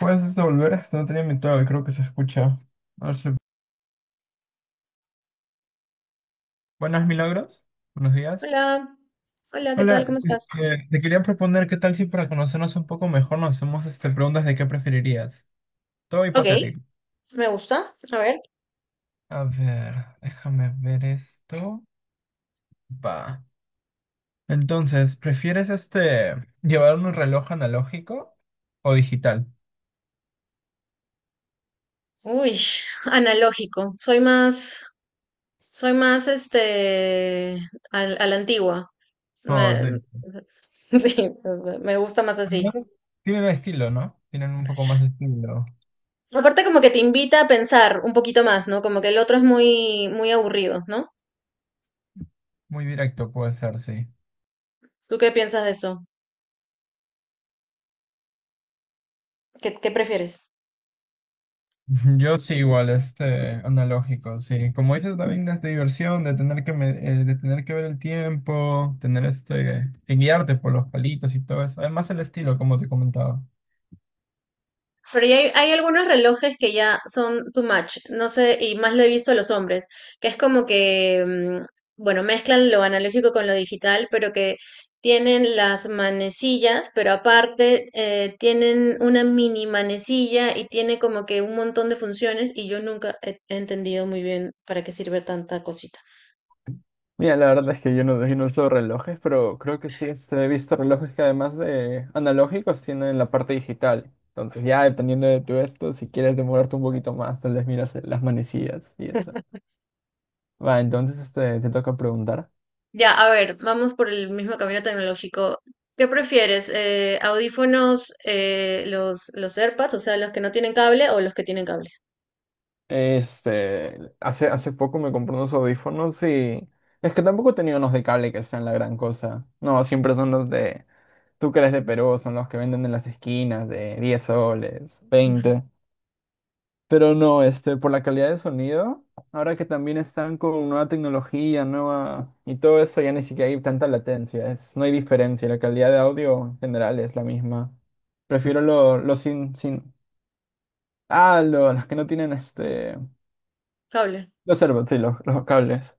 ¿Puedes devolver? No tenía mutado y creo que se escucha. A ver si- Buenas, Milagros. Buenos días. Hola, hola, ¿qué tal? ¿Cómo Hola, estás? Te quería proponer qué tal si para conocernos un poco mejor nos hacemos preguntas de qué preferirías. Todo Ok, hipotético. me gusta. A ver. A ver, déjame ver esto. Va. Entonces, ¿prefieres llevar un reloj analógico o digital? Uy, analógico. Soy más la antigua. Oh, Me, sí. sí, me gusta más Al menos así. Tienen estilo, ¿no? Tienen un poco más de estilo. Aparte como que te invita a pensar un poquito más, ¿no? Como que el otro es muy, muy aburrido, ¿no? Muy directo puede ser, sí. ¿Tú qué piensas de eso? ¿ qué prefieres? Yo sí, igual, analógico, sí. Como dices, también es de diversión, de tener que, de tener que ver el tiempo, tener que guiarte por los palitos y todo eso. Además el estilo, como te comentaba. Pero ya hay algunos relojes que ya son too much, no sé, y más lo he visto a los hombres, que es como que, bueno, mezclan lo analógico con lo digital, pero que tienen las manecillas, pero aparte tienen una mini manecilla y tiene como que un montón de funciones y yo nunca he entendido muy bien para qué sirve tanta cosita. Mira, la verdad es que yo no uso relojes, pero creo que sí he visto relojes que además de analógicos tienen la parte digital. Entonces ya dependiendo de tu esto, si quieres demorarte un poquito más, tal vez miras las manecillas y eso. Va, entonces te toca preguntar. Ya, a ver, vamos por el mismo camino tecnológico. ¿Qué prefieres? ¿Audífonos, los AirPods, o sea, los que no tienen cable o los que tienen cable? Hace poco me compré unos audífonos y es que tampoco he tenido unos de cable que sean la gran cosa. No, siempre son los de, tú que eres de Perú, son los que venden en las esquinas de 10 soles, 20. Pero no, por la calidad de sonido, ahora que también están con nueva tecnología, nueva y todo eso, ya ni siquiera hay tanta latencia, no hay diferencia, la calidad de audio en general es la misma. Prefiero los lo sin, sin, ah, lo- los que no tienen Cable. los AirPods, sí, los cables.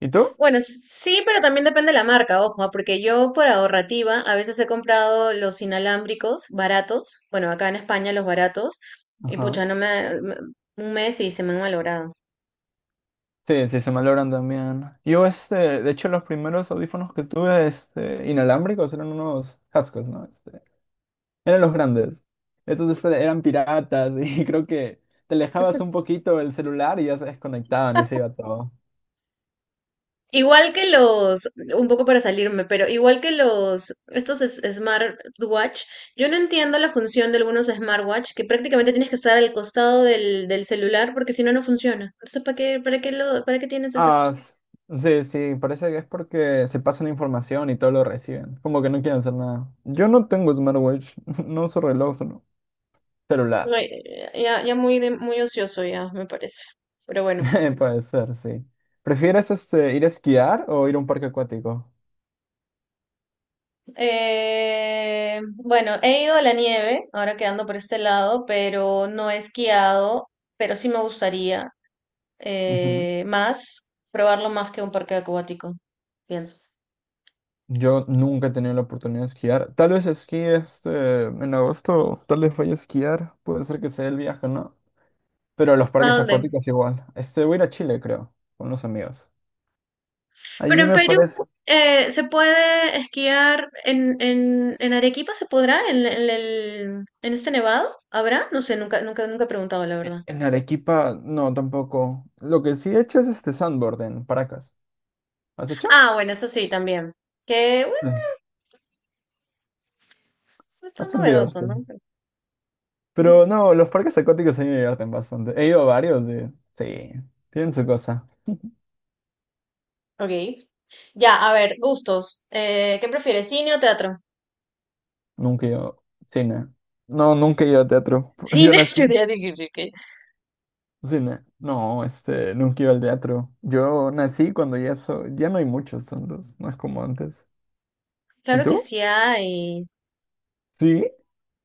¿Y tú? Bueno, sí, pero también depende de la marca, ojo, ah, porque yo por ahorrativa a veces he comprado los inalámbricos baratos, bueno, acá en España los baratos, y Ajá. pucha, no me, un mes y se me han malogrado. Sí, sí, se malogran también. De hecho, los primeros audífonos que tuve, inalámbricos, eran unos cascos, ¿no? Eran los grandes. Esos eran piratas y creo que te alejabas un poquito el celular y ya se desconectaban y se iba todo. Igual que los, un poco para salirme, pero igual que los, estos smartwatch, yo no entiendo la función de algunos smartwatch que prácticamente tienes que estar al costado del celular porque si no, no funciona. Entonces, ¿ para qué tienes esa cosa? Ah, sí, sí, parece que es porque se pasan información y todo lo reciben. Como que no quieren hacer nada. Yo no tengo smartwatch, no uso reloj, solo celular. No, ya muy, muy ocioso ya, me parece. Pero bueno. Puede ser, sí. ¿Prefieres ir a esquiar o ir a un parque acuático? Bueno, he ido a la nieve, ahora quedando por este lado, pero no he esquiado, pero sí me gustaría. Ujú. Más, probarlo más que un parque acuático, pienso. Yo nunca he tenido la oportunidad de esquiar. Tal vez esquí en agosto, tal vez vaya a esquiar. Puede ser que sea el viaje, ¿no? Pero los ¿A parques dónde? acuáticos igual. Voy a ir a Chile, creo, con los amigos. Pero Allí en me Perú parece. Se puede esquiar en Arequipa, ¿se podrá? ¿ En este nevado? ¿Habrá? No sé, nunca, nunca, nunca he preguntado, la verdad. En Arequipa, no, tampoco. Lo que sí he hecho es sandboard en Paracas. ¿Has hecho? Ah, bueno, eso sí, también. Que, bueno, Sí. es tan Bastante novedoso, ¿no? divertido. Pero no, los parques acuáticos sí me divierten bastante. He ido a varios de... Sí, tienen su cosa. Ok. Ya, a ver, gustos. ¿Qué prefieres, cine o teatro? Nunca he ido cine. No, nunca he ido a teatro. Yo Cine, nací yo diría. Ya sí, que cine. No, nunca he ido al teatro. Yo nací cuando ya so... ya no hay muchos tantos, no es como antes. ¿Y Claro que tú? sí hay. Sí.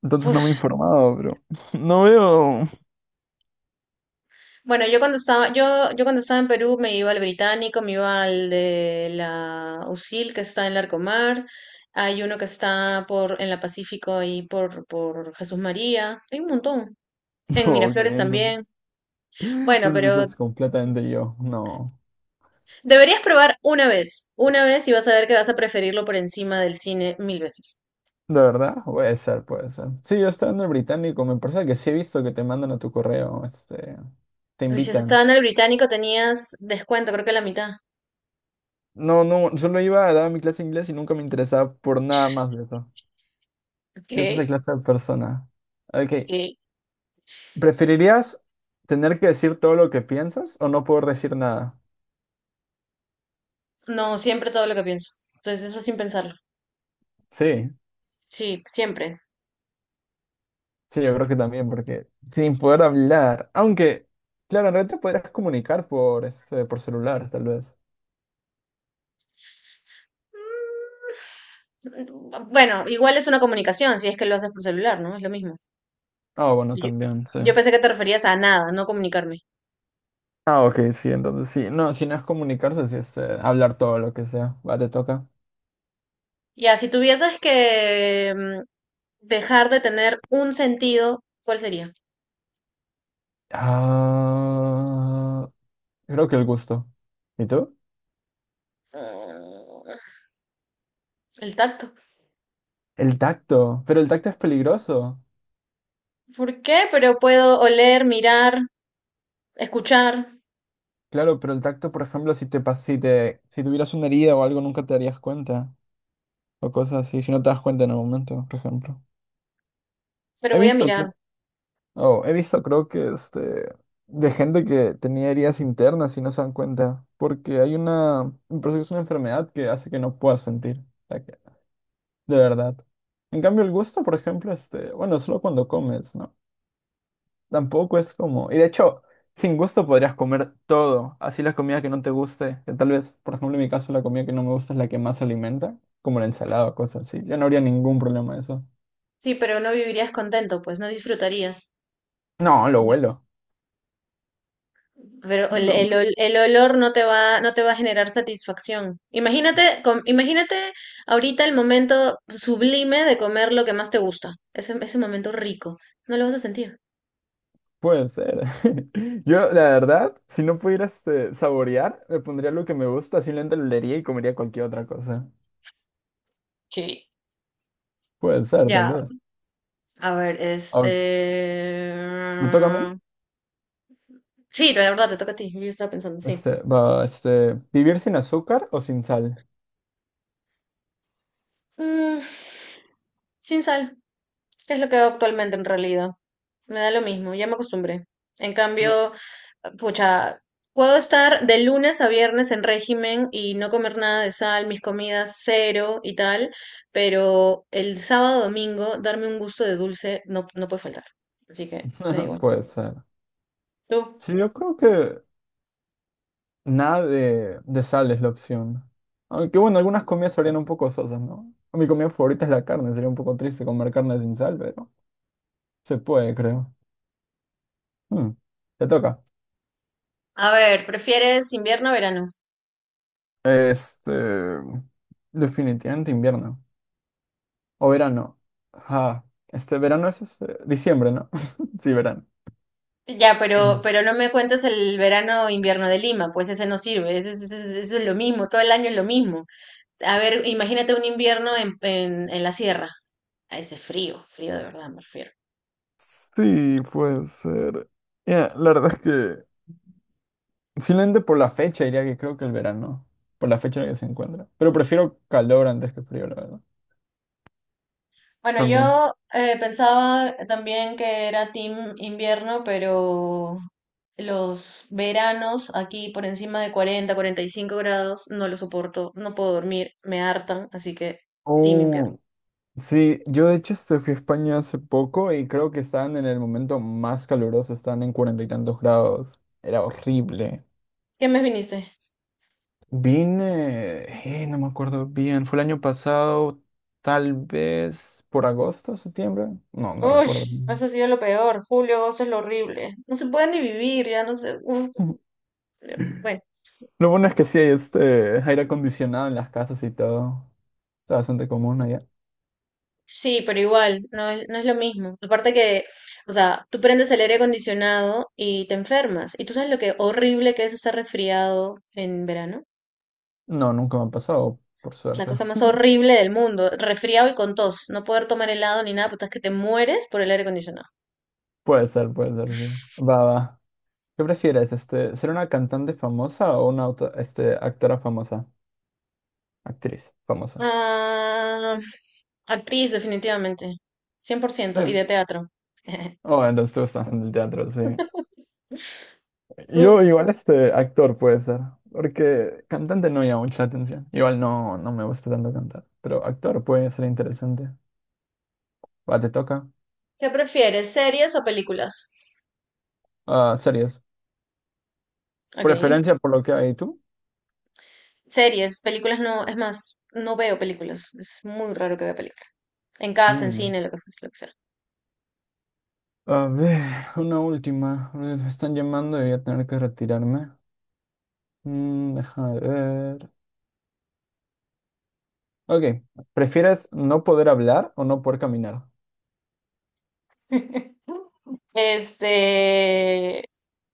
Entonces no Uf. me he informado, bro. No veo. Yo cuando estaba en Perú me iba al Británico, me iba al de la USIL que está en Larcomar, hay uno que está en la Pacífico ahí por Jesús María, hay un montón. En No, ok, Miraflores entonces. también. Bueno, Entonces pero estás completamente yo. No. deberías probar una vez y vas a ver que vas a preferirlo por encima del cine mil veces. ¿De verdad? Puede ser, puede ser. Sí, yo estaba en el Británico, me parece que sí he visto que te mandan a tu correo, te Uy, si has invitan. estado en el Británico tenías descuento, creo que la mitad. No, no, solo iba a dar mi clase de inglés y nunca me interesaba por nada más de eso. Yo soy esa ¿Qué? clase de persona. Ok, ¿Qué? ¿preferirías tener que decir todo lo que piensas o no poder decir nada? No, siempre todo lo que pienso. Entonces eso sin pensarlo. Sí, Sí, siempre. sí, yo creo que también, porque sin poder hablar, aunque, claro, en realidad te podrías comunicar por celular, tal vez. Bueno, igual es una comunicación, si es que lo haces por celular, ¿no? Es lo mismo. Ah, bueno, Yo, también, sí. yo pensé que te referías a nada, no comunicarme. Ah, ok, sí, entonces sí. No, si no es comunicarse, sí es hablar todo lo que sea. Va, te toca. Ya, si tuvieses que dejar de tener un sentido, ¿cuál sería? Ah, creo que el gusto. ¿Y tú? Mm, El tacto. El tacto. Pero el tacto es peligroso. ¿Por qué? Pero puedo oler, mirar, escuchar, Claro, pero el tacto, por ejemplo, si te pas si te si tuvieras una herida o algo, nunca te darías cuenta. O cosas así, si no te das cuenta en el momento, por ejemplo. pero He voy a visto, mirar. creo- oh, he visto, creo que de gente que tenía heridas internas y no se dan cuenta. Porque hay una, me parece que es una enfermedad que hace que no puedas sentir. De verdad. En cambio, el gusto, por ejemplo, bueno, solo cuando comes, ¿no? Tampoco es como. Y de hecho, sin gusto podrías comer todo. Así la comida que no te guste, que tal vez, por ejemplo, en mi caso, la comida que no me gusta es la que más se alimenta, como la ensalada o cosas así. Ya no habría ningún problema eso. Sí, pero no vivirías contento, pues no disfrutarías. No, lo huelo. Pero Lo bueno. El olor no te no te va a generar satisfacción. Imagínate, imagínate ahorita el momento sublime de comer lo que más te gusta. Ese momento rico. No lo vas a sentir. Puede ser. Yo, la verdad, si no pudiera saborear, me pondría lo que me gusta, simplemente lo leería y comería cualquier otra cosa. Sí. Puede ser, tal Ya, vez. a ver, Ok, ¿me este... toca a mí? Sí, la verdad, te toca a ti. Yo estaba pensando, sí. Va, ¿vivir sin azúcar o sin sal? Mm, sin sal, que es lo que hago actualmente en realidad. Me da lo mismo, ya me acostumbré. En No, cambio, pucha, puedo estar de lunes a viernes en régimen y no comer nada de sal, mis comidas cero y tal, pero el sábado, domingo, darme un gusto de dulce no, no puede faltar. Así que me da igual. puede ser. ¿Tú? Sí, yo creo que nada de sal es la opción. Aunque bueno, algunas comidas serían un poco sosas, ¿no? Mi comida favorita es la carne, sería un poco triste comer carne sin sal, pero se puede, creo. Mm, Te toca. A ver, ¿prefieres invierno o verano? Este, Definitivamente invierno. O verano. Ajá. Este verano es diciembre, ¿no? Sí, verano. Ya, Mm. pero no me cuentes el verano o invierno de Lima, pues ese no sirve, ese, eso es lo mismo, todo el año es lo mismo. A ver, imagínate un invierno en la sierra, a ese frío, frío de verdad me refiero. Sí, puede ser. Ya, la verdad es que simplemente por la fecha diría que creo que el verano, por la fecha en la que se encuentra. Pero prefiero calor antes que frío, la verdad. Bueno, También. yo pensaba también que era team invierno, pero los veranos aquí por encima de cuarenta, cuarenta y cinco grados, no lo soporto, no puedo dormir, me hartan, así que team invierno. Oh, sí, yo de hecho fui a España hace poco y creo que estaban en el momento más caluroso, estaban en 40 y tantos grados. Era horrible. ¿Qué mes viniste? Vine, no me acuerdo bien, fue el año pasado, tal vez por agosto, septiembre. No, no Uy, recuerdo eso bien. ha sido lo peor, julio, agosto es lo horrible. No se puede ni vivir, ya no sé. Un- Bueno, Lo bueno es que sí hay aire acondicionado en las casas y todo. Está bastante común. sí, pero igual, no es lo mismo. Aparte que, o sea, tú prendes el aire acondicionado y te enfermas. ¿Y tú sabes lo que horrible que es estar resfriado en verano? No, nunca me han pasado, por Es la suerte. cosa más horrible del mundo. Resfriado y con tos. No poder tomar helado ni nada, puta, es que te mueres por el aire acondicionado. Puede ser, sí. Va, va. ¿Qué prefieres, ser una cantante famosa o una actora famosa? Actriz famosa. Ah, actriz, definitivamente. Cien por ciento y Sí. de teatro. Oh, entonces tú estás en el teatro, sí. Yo Tú, igual actor puede ser, porque cantante no llama mucha atención. Igual no, no me gusta tanto cantar, pero actor puede ser interesante. Va, te toca. ¿qué prefieres, series o películas? Ah, series. Ok. ¿Preferencia por lo que hay tú? Series, películas no, es más, no veo películas. Es muy raro que vea películas. En casa, en Mm. cine, lo que sea. A ver, una última. Me están llamando y voy a tener que retirarme. Déjame ver. Ok, ¿prefieres no poder hablar o no poder caminar? Este,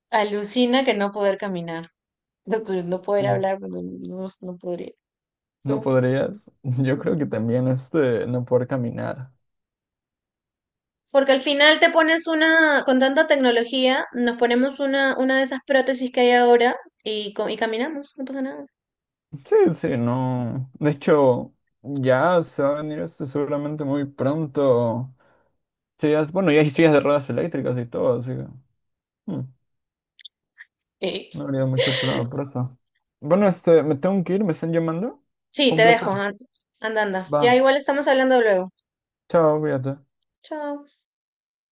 alucina que no poder caminar. No, tú, no Sí. poder hablar, pues, no podría. No Tú. podrías. Yo creo que también no poder caminar. Porque al final te pones una, con tanta tecnología, nos ponemos una de esas prótesis que hay ahora y, y caminamos, no pasa nada. Sí, sí, no. De hecho, ya se va a venir seguramente muy pronto. Bueno, ya hay sillas de ruedas eléctricas y todo, así que hmm, Sí. no habría mucho problema por eso. Bueno, me tengo que ir, me están llamando. Sí, Fue te un placer. dejo, an- anda, anda. Va, Ya igual estamos hablando luego. chao, cuídate. Chao.